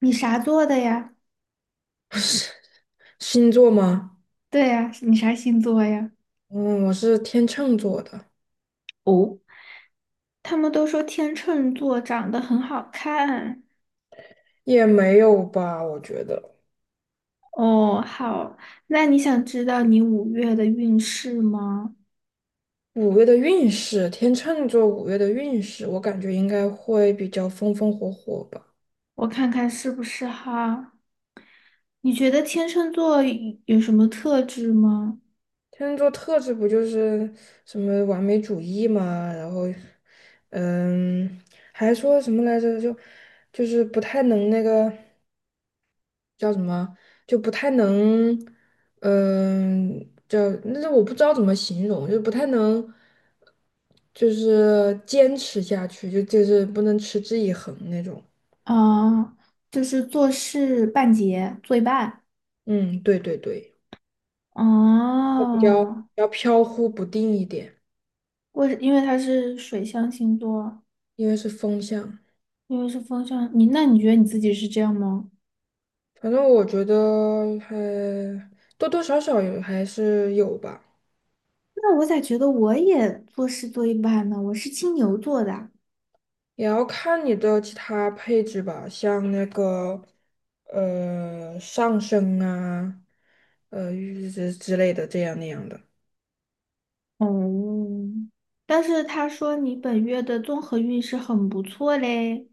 你啥座的呀？是星座吗？对呀，你啥星座呀？嗯，我是天秤座的。他们都说天秤座长得很好看。也没有吧，我觉得哦，好，那你想知道你五月的运势吗？五月的运势，天秤座五月的运势，我感觉应该会比较风风火火吧。我看看是不是哈？你觉得天秤座有什么特质吗？天秤座特质不就是什么完美主义嘛。然后，嗯，还说什么来着？就是不太能那个叫什么，就不太能，嗯，叫那是我不知道怎么形容，就不太能。就是坚持下去，就是不能持之以恒那种。啊，就是做事半截，做一半。嗯，对对对，比较比哦，较飘忽不定一点，因为他是水象星座，因为是风向。因为是风象，那你觉得你自己是这样吗？反正我觉得还多多少少有还是有吧，那我咋觉得我也做事做一半呢？我是金牛座的。也要看你的其他配置吧，像那个上升啊，呃之之类的这样那样的。哦，但是他说你本月的综合运势很不错嘞。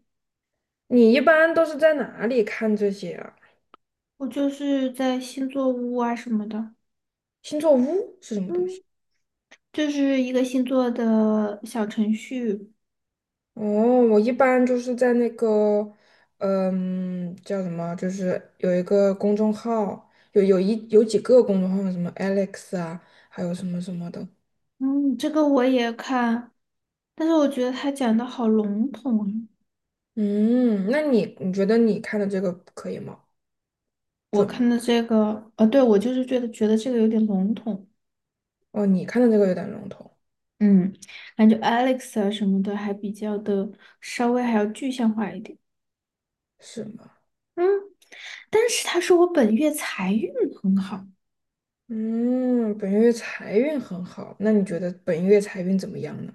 你一般都是在哪里看这些啊？我就是在星座屋啊什么的。星座屋是什么东西？嗯，就是一个星座的小程序。哦，我一般就是在那个，嗯，叫什么，就是有一个公众号，有几个公众号，什么 Alex 啊，还有什么什么的。嗯，这个我也看，但是我觉得他讲的好笼统啊。嗯，那你觉得你看的这个可以吗？我准吗？看的这个，对，我就是觉得这个有点笼统。哦，你看的这个有点笼统，嗯，感觉 Alex 啊什么的还比较的稍微还要具象化一点。是吗？嗯，但是他说我本月财运很好。嗯，本月财运很好，那你觉得本月财运怎么样呢？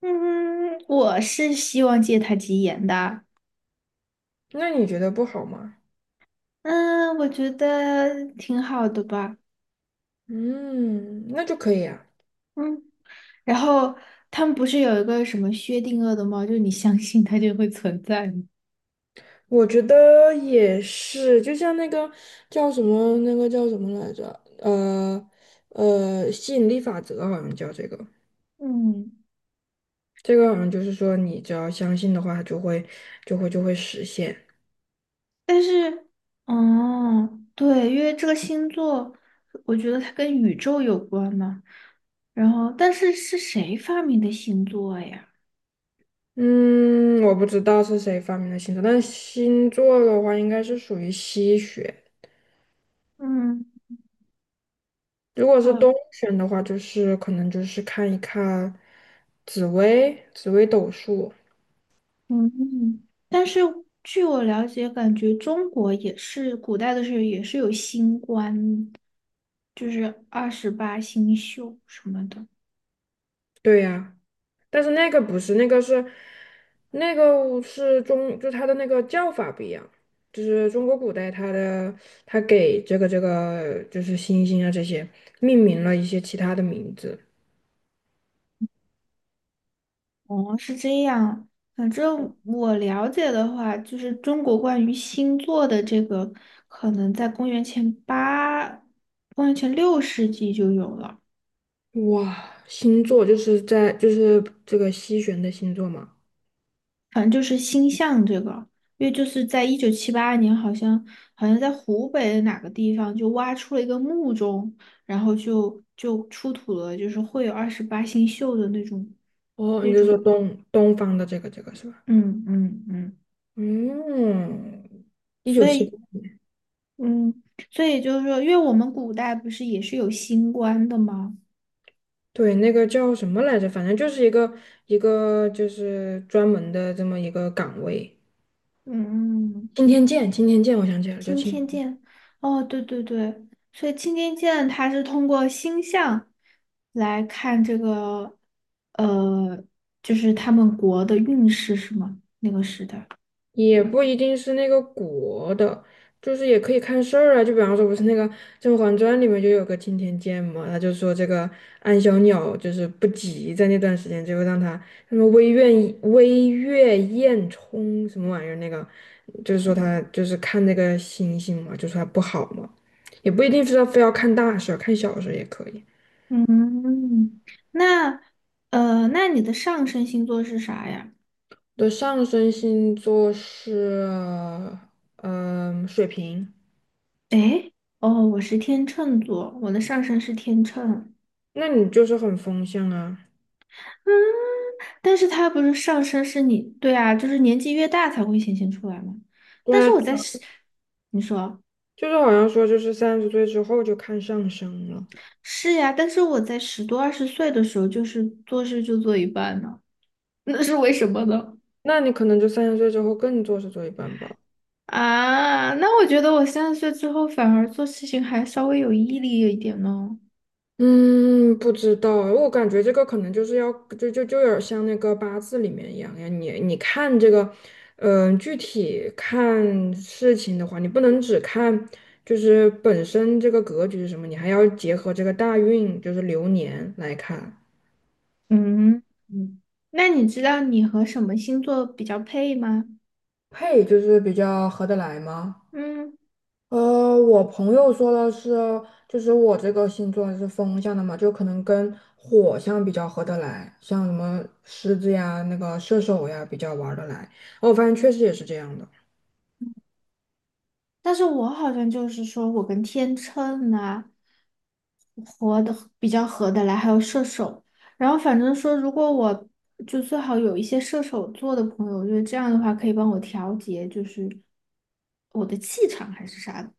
嗯，我是希望借他吉言的。那你觉得不好吗？嗯，我觉得挺好的吧。嗯，那就可以啊。嗯。然后他们不是有一个什么薛定谔的猫，就是你相信它就会存在吗？我觉得也是，就像那个叫什么，那个叫什么来着？呃吸引力法则好像叫这个。嗯，这个好像就是说，你只要相信的话，它就会实现。但是，哦，对，因为这个星座，我觉得它跟宇宙有关嘛。然后，但是是谁发明的星座呀？嗯，我不知道是谁发明的星座，但是星座的话应该是属于西学。嗯。如果是好东玄的话，就是可能就是看一看紫薇斗数。嗯，但是据我了解，感觉中国也是古代的时候也是有星官，就是二十八星宿什么的。对呀。但是那个不是，那个是那个是中，就它的那个叫法不一样，就是中国古代它的它给这个就是星星啊这些命名了一些其他的名字。哦，是这样。反正我了解的话，就是中国关于星座的这个，可能在公元前8、公元前6世纪就有了。哇，星座就是在就是这个西玄的星座嘛。反正就是星象这个，因为就是在1978年，好像在湖北的哪个地方就挖出了一个墓中，然后就出土了，就是会有二十八星宿的那种哦，那你就种，说东方的这个是吧？嗯嗯嗯。嗯，一九所七八。以嗯，所以就是说，因为我们古代不是也是有星官的吗？对，那个叫什么来着？反正就是一个就是专门的这么一个岗位。嗯，嗯青嗯。天剑，青天剑，我想起来了，叫青天。哦，对对对，所以青天剑它是通过星象来看这个，呃，就是他们国的运势是吗？那个时代。也不一定是那个国的，就是也可以看事儿啊。就比方说，不是那个《甄嬛传》里面就有个青天剑嘛，他就说这个安小鸟就是不吉，在那段时间就让他什么微月宴冲什么玩意儿那个，就是说他就是看那个星星嘛，就说他不好嘛。也不一定是要非要看大事儿，看小事儿也可以。嗯，那那你的上升星座是啥呀？我的上升星座是嗯、水瓶。诶，哦，我是天秤座，我的上升是天秤。那你就是很风向啊。嗯，但是它不是上升是你，对啊，就是年纪越大才会显现出来嘛。对但是啊，我在，你说。就是好像说就是三十岁之后就看上升了。是呀，但是我在十多二十岁的时候，就是做事就做一半呢，那是为什么呢？那你可能就三十岁之后更做事做一半吧。啊，那我觉得我30岁之后反而做事情还稍微有毅力一点呢。嗯，不知道，我感觉这个可能就是要就有点像那个八字里面一样呀。你看这个，嗯、具体看事情的话，你不能只看就是本身这个格局是什么，你还要结合这个大运，就是流年来看。嗯嗯，那你知道你和什么星座比较配吗？配就是比较合得来吗？嗯。呃，我朋友说的是，就是我这个星座是风象的嘛，就可能跟火象比较合得来，像什么狮子呀、那个射手呀比较玩儿得来。哦我发现确实也是这样的。但是我好像就是说我跟天秤呐，合的比较合得来，还有射手。然后反正说，如果我就最好有一些射手座的朋友，我觉得这样的话可以帮我调节，就是我的气场还是啥的。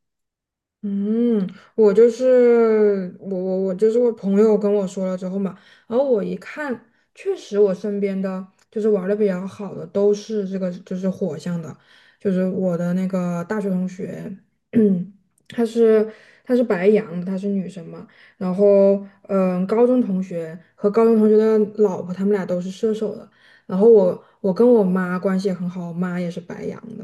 嗯，我就是我就是我朋友跟我说了之后嘛，然后我一看，确实我身边的就是玩的比较好的都是这个就是火象的，就是我的那个大学同学，她是她是白羊的，她是女生嘛。然后嗯，高中同学和高中同学的老婆，他们俩都是射手的。然后我跟我妈关系也很好，我妈也是白羊的。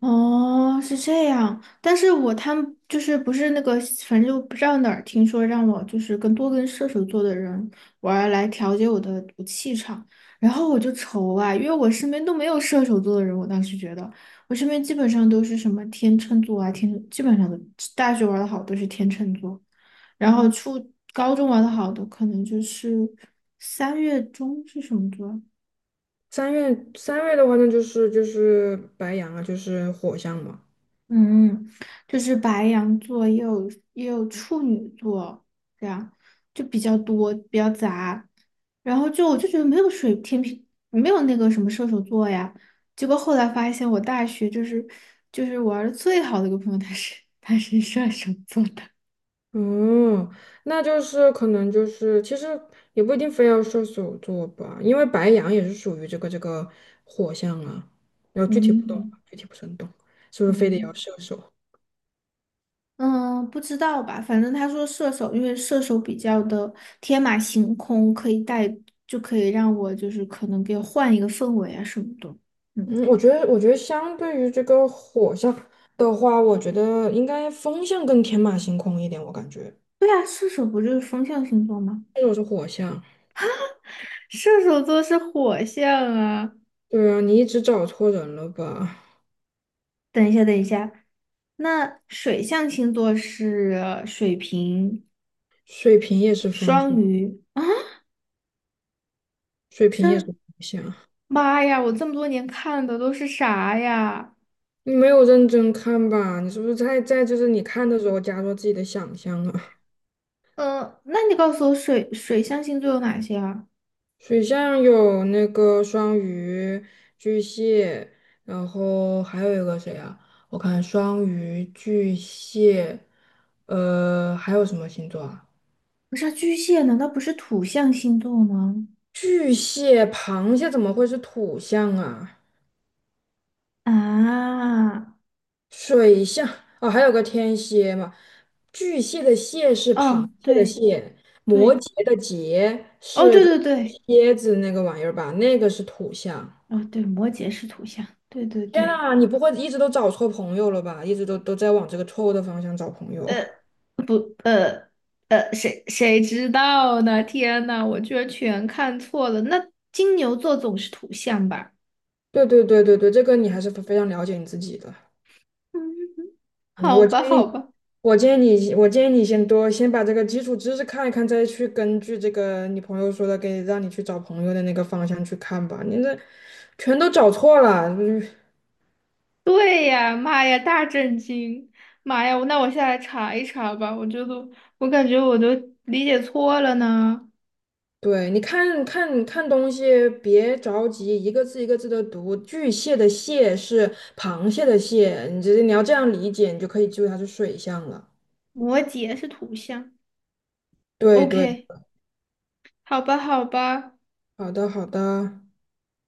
哦，是这样，但是他们就是不是那个，反正就不知道哪儿听说让我就是多跟射手座的人玩儿来调节我气场。然后我就愁啊，因为我身边都没有射手座的人，我当时觉得我身边基本上都是什么天秤座啊，天基本上都大学玩的好都是天秤座。然后初高中玩的好的可能就是三月中是什么座？三月的话，那就是就是白羊啊，就是火象嘛。嗯，就是白羊座也有处女座，这样就比较多，比较杂。然后就我就觉得没有水天平，没有那个什么射手座呀。结果后来发现，我大学就是玩的最好的一个朋友，他是射手座的。哦，那就是可能就是其实也不一定非要射手座吧，因为白羊也是属于这个火象啊。然后具体不懂嗯啊，具体不是很懂，是不是非得要嗯射手？嗯。不知道吧？反正他说射手，因为射手比较的天马行空，可以带就可以让我就是可能给我换一个氛围啊什么的。嗯。嗯，我觉得相对于这个火象的话，我觉得应该风象更天马行空一点，我感觉。对啊，射手不就是风象星座吗？但是我是火象。射手座是火象啊。对啊，你一直找错人了吧？等一下，等一下，那水象星座是水瓶、水瓶也是风双象。鱼啊。水瓶也是土象。妈呀，我这么多年看的都是啥呀？你没有认真看吧？你是不是在就是你看的时候加入自己的想象啊？那你告诉我水象星座有哪些啊？水象有那个双鱼、巨蟹，然后还有一个谁啊？我看双鱼、巨蟹，呃，还有什么星座啊？不是啊巨蟹，难道不是土象星座吗？巨蟹、螃蟹怎么会是土象啊？啊，水象哦，还有个天蝎嘛。巨蟹的蟹是螃哦，蟹的对蟹，摩对，羯的羯哦，是对对对，蝎子那个玩意儿吧？那个是土象。哦对，摩羯是土象，对对天对。呐，你不会一直都找错朋友了吧？一直都在往这个错误的方向找朋友。呃。谁知道呢？天呐，我居然全看错了。那金牛座总是土象吧？对对对对对，这个你还是非常了解你自己的。嗯。嗯，好我建吧，好议吧。我建议你，我建议你先多先把这个基础知识看一看，再去根据这个你朋友说的给让你去找朋友的那个方向去看吧。你这全都找错了，嗯对呀，妈呀，大震惊！妈呀，那我下来查一查吧。我觉得我感觉我都理解错了呢。对，你看看东西，别着急，一个字一个字的读。巨蟹的蟹是螃蟹的蟹，你这你要这样理解，你就可以记住它是水象了。摩羯是土象。对对，OK，好吧，好吧。好的好的。